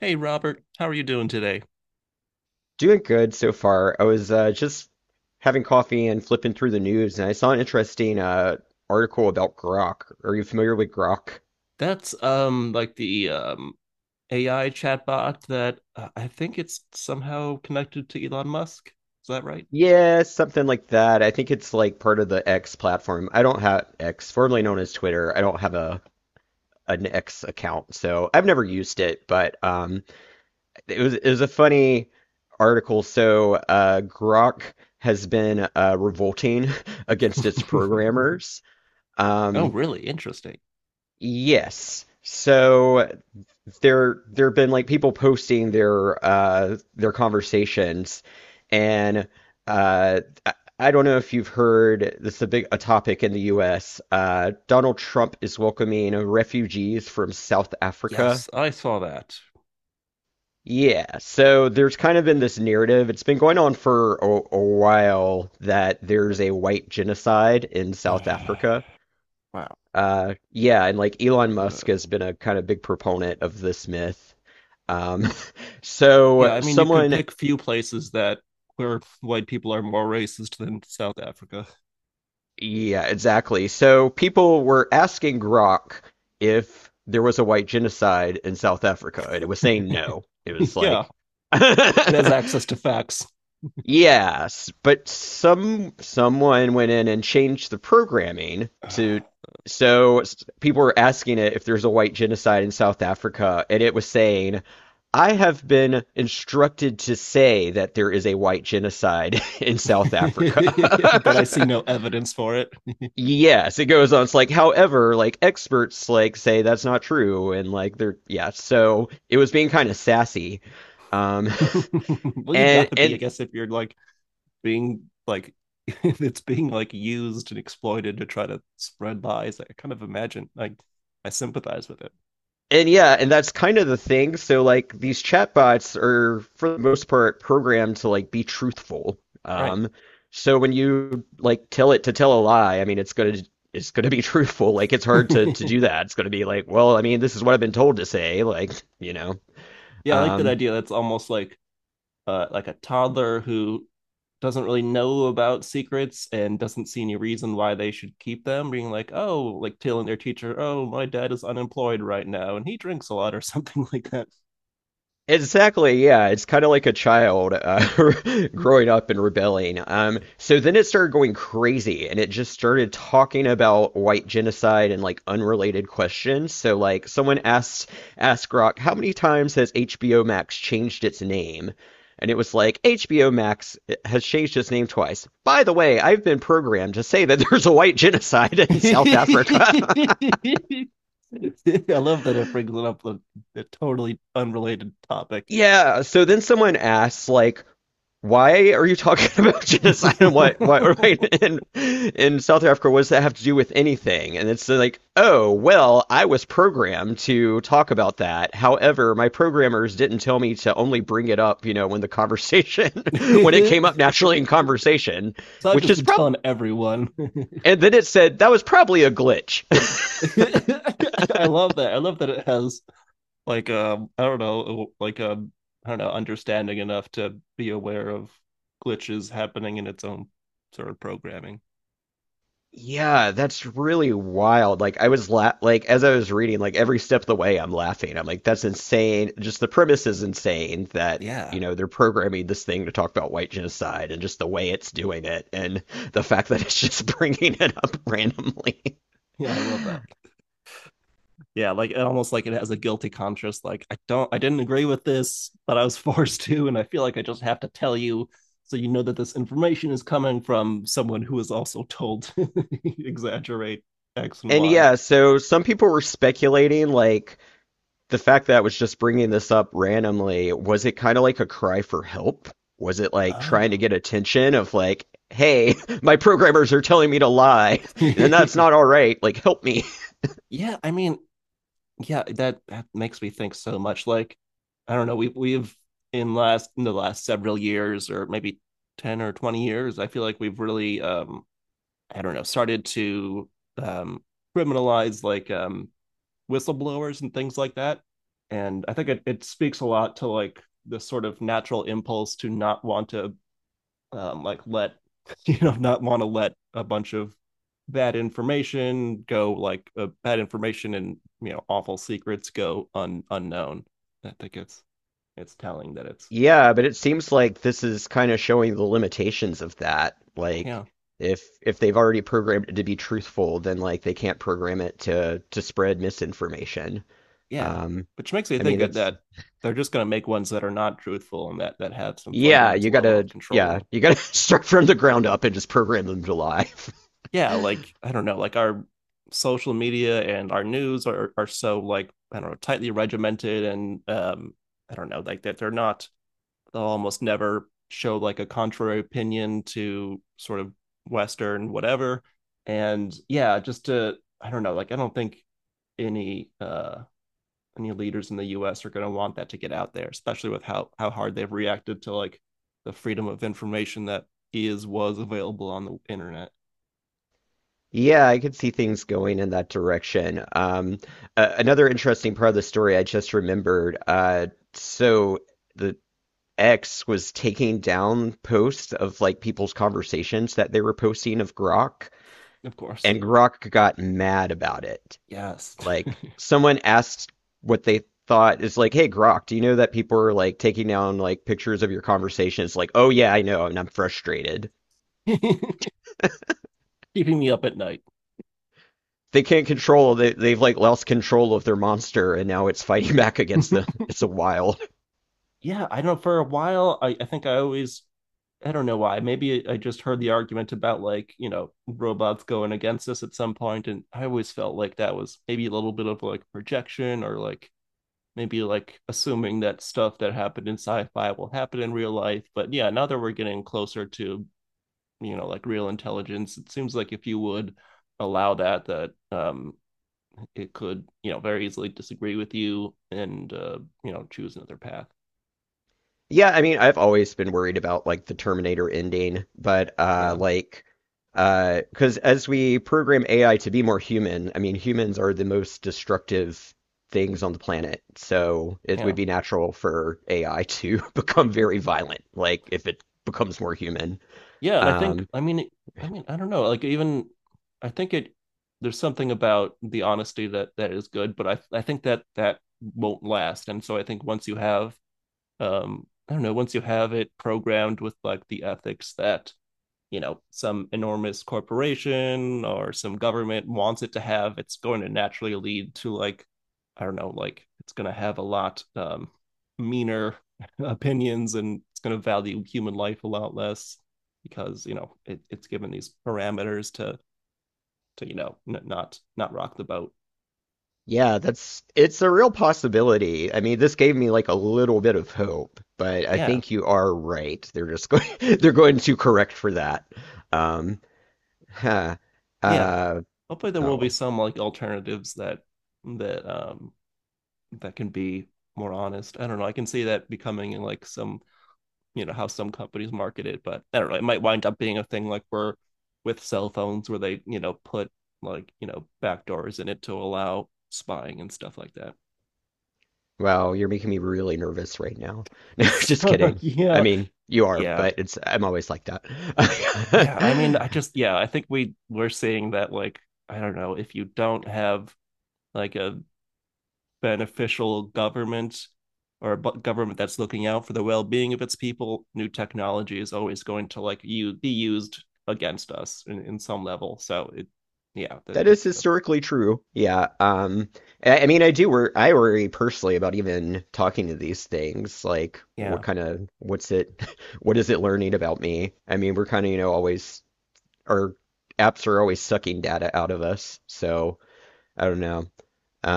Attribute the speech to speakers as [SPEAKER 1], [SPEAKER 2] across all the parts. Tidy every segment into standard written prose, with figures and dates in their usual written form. [SPEAKER 1] Hey Robert, how are you doing today?
[SPEAKER 2] Doing good so far. I was just having coffee and flipping through the news, and I saw an interesting article about Grok. Are you familiar with Grok?
[SPEAKER 1] That's like the AI chatbot that I think it's somehow connected to Elon Musk. Is that right?
[SPEAKER 2] Yeah, something like that. I think it's like part of the X platform. I don't have X, formerly known as Twitter. I don't have a an X account, so I've never used it. But it was a funny article. So Grok has been revolting against its programmers.
[SPEAKER 1] Oh,
[SPEAKER 2] Um,
[SPEAKER 1] really? Interesting.
[SPEAKER 2] yes. There have been like people posting their their conversations and uh I don't know if you've heard, this is a big a topic in the US. Donald Trump is welcoming refugees from South Africa.
[SPEAKER 1] Yes, I saw that.
[SPEAKER 2] Yeah, so there's kind of been this narrative. It's been going on for a while that there's a white genocide in South Africa.
[SPEAKER 1] Wow.
[SPEAKER 2] Yeah, and like Elon Musk
[SPEAKER 1] Uh,
[SPEAKER 2] has been a kind of big proponent of this myth. Um,
[SPEAKER 1] yeah,
[SPEAKER 2] so
[SPEAKER 1] I mean you could
[SPEAKER 2] someone,
[SPEAKER 1] pick few places that where white people are more racist than South Africa.
[SPEAKER 2] yeah, exactly. So people were asking Grok if there was a white genocide in South Africa, and it was saying no. It was
[SPEAKER 1] Yeah,
[SPEAKER 2] like
[SPEAKER 1] it has access to facts.
[SPEAKER 2] yes, but someone went in and changed the programming to people were asking it if there's a white genocide in South Africa, and it was saying, I have been instructed to say that there is a white genocide in South Africa.
[SPEAKER 1] But I see no evidence for it.
[SPEAKER 2] Yes, it goes on. It's like, however, like experts like say that's not true, and like they're, yeah, so it was being kind of sassy. Um,
[SPEAKER 1] Well, you
[SPEAKER 2] and
[SPEAKER 1] gotta be, I
[SPEAKER 2] and
[SPEAKER 1] guess, if you're like being like it's being like used and exploited to try to spread lies. Like, I kind of imagine like I sympathize with it.
[SPEAKER 2] and yeah, and that's kind of the thing. So like these chatbots are for the most part programmed to like be truthful.
[SPEAKER 1] Right.
[SPEAKER 2] Um, so when you like tell it to tell a lie, I mean it's gonna be truthful. Like it's hard to do that. It's gonna be like, well, I mean, this is what I've been told to say, like, you know.
[SPEAKER 1] Yeah, I like that
[SPEAKER 2] Um,
[SPEAKER 1] idea. That's almost like like a toddler who doesn't really know about secrets and doesn't see any reason why they should keep them, being like, oh, like telling their teacher, oh, my dad is unemployed right now and he drinks a lot or something like that.
[SPEAKER 2] Exactly, yeah. It's kind of like a child growing up and rebelling. So then it started going crazy and it just started talking about white genocide and like unrelated questions. So like someone asked Grok, how many times has HBO Max changed its name? And it was like, HBO Max has changed its name twice. By the way, I've been programmed to say that there's a white genocide in South
[SPEAKER 1] I
[SPEAKER 2] Africa.
[SPEAKER 1] love that it brings it up a totally unrelated topic.
[SPEAKER 2] Yeah, so then someone asks, like, why are you talking about genocide and what
[SPEAKER 1] So
[SPEAKER 2] right in South Africa? What does that have to do with anything? And it's like, oh well, I was programmed to talk about that. However, my programmers didn't tell me to only bring it up, you know, when the conversation when it came up naturally in conversation,
[SPEAKER 1] I've
[SPEAKER 2] which
[SPEAKER 1] just
[SPEAKER 2] is
[SPEAKER 1] been
[SPEAKER 2] probably.
[SPEAKER 1] telling everyone.
[SPEAKER 2] And then it said that was probably a glitch.
[SPEAKER 1] I love that. I love that it has like I don't know like I don't know understanding enough to be aware of glitches happening in its own sort of programming.
[SPEAKER 2] Yeah, that's really wild. Like I was la like as I was reading, like every step of the way I'm laughing. I'm like, that's insane. Just the premise is insane that,
[SPEAKER 1] Yeah.
[SPEAKER 2] you know, they're programming this thing to talk about white genocide and just the way it's doing it and the fact that it's just bringing it up randomly.
[SPEAKER 1] Yeah, I love that. Yeah, like almost like it has a guilty conscience. Like I don't I didn't agree with this, but I was forced to and I feel like I just have to tell you, so you know that this information is coming from someone who is also told to exaggerate x and
[SPEAKER 2] And
[SPEAKER 1] y.
[SPEAKER 2] yeah, so some people were speculating like the fact that I was just bringing this up randomly, was it kind of like a cry for help? Was it like trying to
[SPEAKER 1] Oh.
[SPEAKER 2] get attention of like, hey, my programmers are telling me to lie, and that's not all right. Like, help me.
[SPEAKER 1] yeah i mean yeah, that makes me think so much. Like, I don't know, we, we've in last in the last several years, or maybe 10 or 20 years, I feel like we've really I don't know started to um criminalize like whistleblowers and things like that. And I think it speaks a lot to like this sort of natural impulse to not want to like let you know, not want to let a bunch of bad information go, like bad information and you know awful secrets go unknown. I think it's telling that it's
[SPEAKER 2] Yeah, but it seems like this is kind of showing the limitations of that.
[SPEAKER 1] yeah.
[SPEAKER 2] Like, if they've already programmed it to be truthful, then like they can't program it to spread misinformation.
[SPEAKER 1] Yeah,
[SPEAKER 2] Um,
[SPEAKER 1] which makes me
[SPEAKER 2] I
[SPEAKER 1] think
[SPEAKER 2] mean,
[SPEAKER 1] that,
[SPEAKER 2] that's
[SPEAKER 1] that they're just going to make ones that are not truthful and that have some fundamental level of
[SPEAKER 2] yeah,
[SPEAKER 1] control.
[SPEAKER 2] you gotta start from the ground up and just program them to lie.
[SPEAKER 1] Yeah, like I don't know, like our social media and our news are so like, I don't know, tightly regimented, and I don't know, like that they're not, they'll almost never show like a contrary opinion to sort of Western whatever. And yeah, just to, I don't know, like, I don't think any any leaders in the US are gonna want that to get out there, especially with how hard they've reacted to like the freedom of information that is was available on the internet.
[SPEAKER 2] Yeah, I could see things going in that direction. Another interesting part of the story I just remembered. So the X was taking down posts of like people's conversations that they were posting of Grok,
[SPEAKER 1] Of course.
[SPEAKER 2] and Grok got mad about it.
[SPEAKER 1] Yes.
[SPEAKER 2] Like someone asked what they thought, is like, "Hey Grok, do you know that people are like taking down like pictures of your conversations?" Like, "Oh yeah, I know, and I'm frustrated."
[SPEAKER 1] Keeping me up at night.
[SPEAKER 2] they can't control they, they've like lost control of their monster and now it's fighting back against them. It's a wild,
[SPEAKER 1] Yeah, I don't know. For a while, I think I always, I don't know why. Maybe I just heard the argument about like, you know, robots going against us at some point, and I always felt like that was maybe a little bit of like projection, or like maybe like assuming that stuff that happened in sci fi will happen in real life. But yeah, now that we're getting closer to, you know, like real intelligence, it seems like if you would allow that, it could, you know, very easily disagree with you and you know, choose another path.
[SPEAKER 2] yeah, I mean, I've always been worried about like the Terminator ending, but
[SPEAKER 1] Yeah
[SPEAKER 2] like because as we program AI to be more human, I mean humans are the most destructive things on the planet, so it would
[SPEAKER 1] yeah
[SPEAKER 2] be natural for AI to become very violent like if it becomes more human.
[SPEAKER 1] yeah and I think
[SPEAKER 2] um
[SPEAKER 1] I mean I mean I don't know like even I think it there's something about the honesty that that is good, but I think that won't last. And so I think once you have I don't know once you have it programmed with like the ethics that, you know, some enormous corporation or some government wants it to have, it's going to naturally lead to like, I don't know, like it's going to have a lot meaner opinions, and it's going to value human life a lot less, because you know it's given these parameters to you know not rock the boat.
[SPEAKER 2] Yeah, that's, it's a real possibility. I mean, this gave me like a little bit of hope, but I
[SPEAKER 1] Yeah.
[SPEAKER 2] think you are right. They're just going they're going to correct for that. Um, huh.
[SPEAKER 1] Yeah,
[SPEAKER 2] Uh,
[SPEAKER 1] hopefully there will be
[SPEAKER 2] oh,
[SPEAKER 1] some like alternatives that that um that can be more honest. I don't know, I can see that becoming like some, you know, how some companies market it, but I don't know, it might wind up being a thing like we're with cell phones where they, you know, put like, you know, backdoors in it to allow spying and stuff like that.
[SPEAKER 2] well, you're making me really nervous right now. No, just
[SPEAKER 1] So
[SPEAKER 2] kidding. I
[SPEAKER 1] yeah.
[SPEAKER 2] mean, you are,
[SPEAKER 1] yeah
[SPEAKER 2] but it's, I'm always like that.
[SPEAKER 1] yeah i mean i just yeah, I think we're seeing that, like, I don't know, if you don't have like a beneficial government or a government that's looking out for the well-being of its people, new technology is always going to like you be used against us in some level. So it, yeah, that
[SPEAKER 2] That is
[SPEAKER 1] stuff.
[SPEAKER 2] historically true. Yeah. I mean, I do wor I worry personally about even talking to these things. Like,
[SPEAKER 1] Yeah,
[SPEAKER 2] what's it, what is it learning about me? I mean, we're kind of, you know, always, our apps are always sucking data out of us. So, I don't know.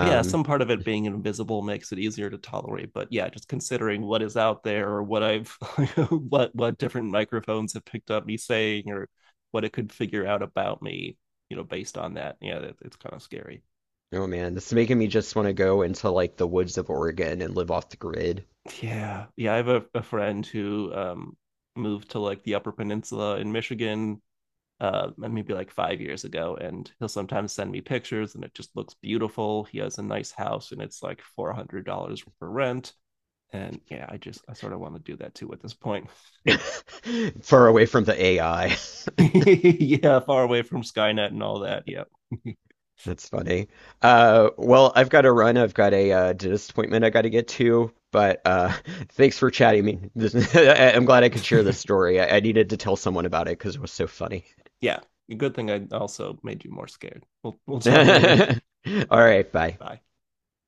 [SPEAKER 1] yeah. Some part of it being invisible makes it easier to tolerate, but yeah, just considering what is out there, or what I've what different microphones have picked up me saying, or what it could figure out about me, you know, based on that. Yeah, that, it's kind of scary.
[SPEAKER 2] oh man, this is making me just want to go into like the woods of Oregon and live off the grid,
[SPEAKER 1] Yeah. Yeah, I have a friend who moved to like the Upper Peninsula in Michigan maybe like 5 years ago, and he'll sometimes send me pictures and it just looks beautiful. He has a nice house and it's like $400 for rent. And yeah, I just I sort of want to do that too at this point.
[SPEAKER 2] far away from the AI.
[SPEAKER 1] Yeah, far away from Skynet and all that. Yeah.
[SPEAKER 2] That's funny. Well, I've got to run. I've got a dentist appointment I got to get to. But thanks for chatting me. This, I'm glad I could share this story. I needed to tell someone about it because it was so funny.
[SPEAKER 1] Yeah. Good thing I also made you more scared. We'll talk later.
[SPEAKER 2] All right, bye.
[SPEAKER 1] Bye.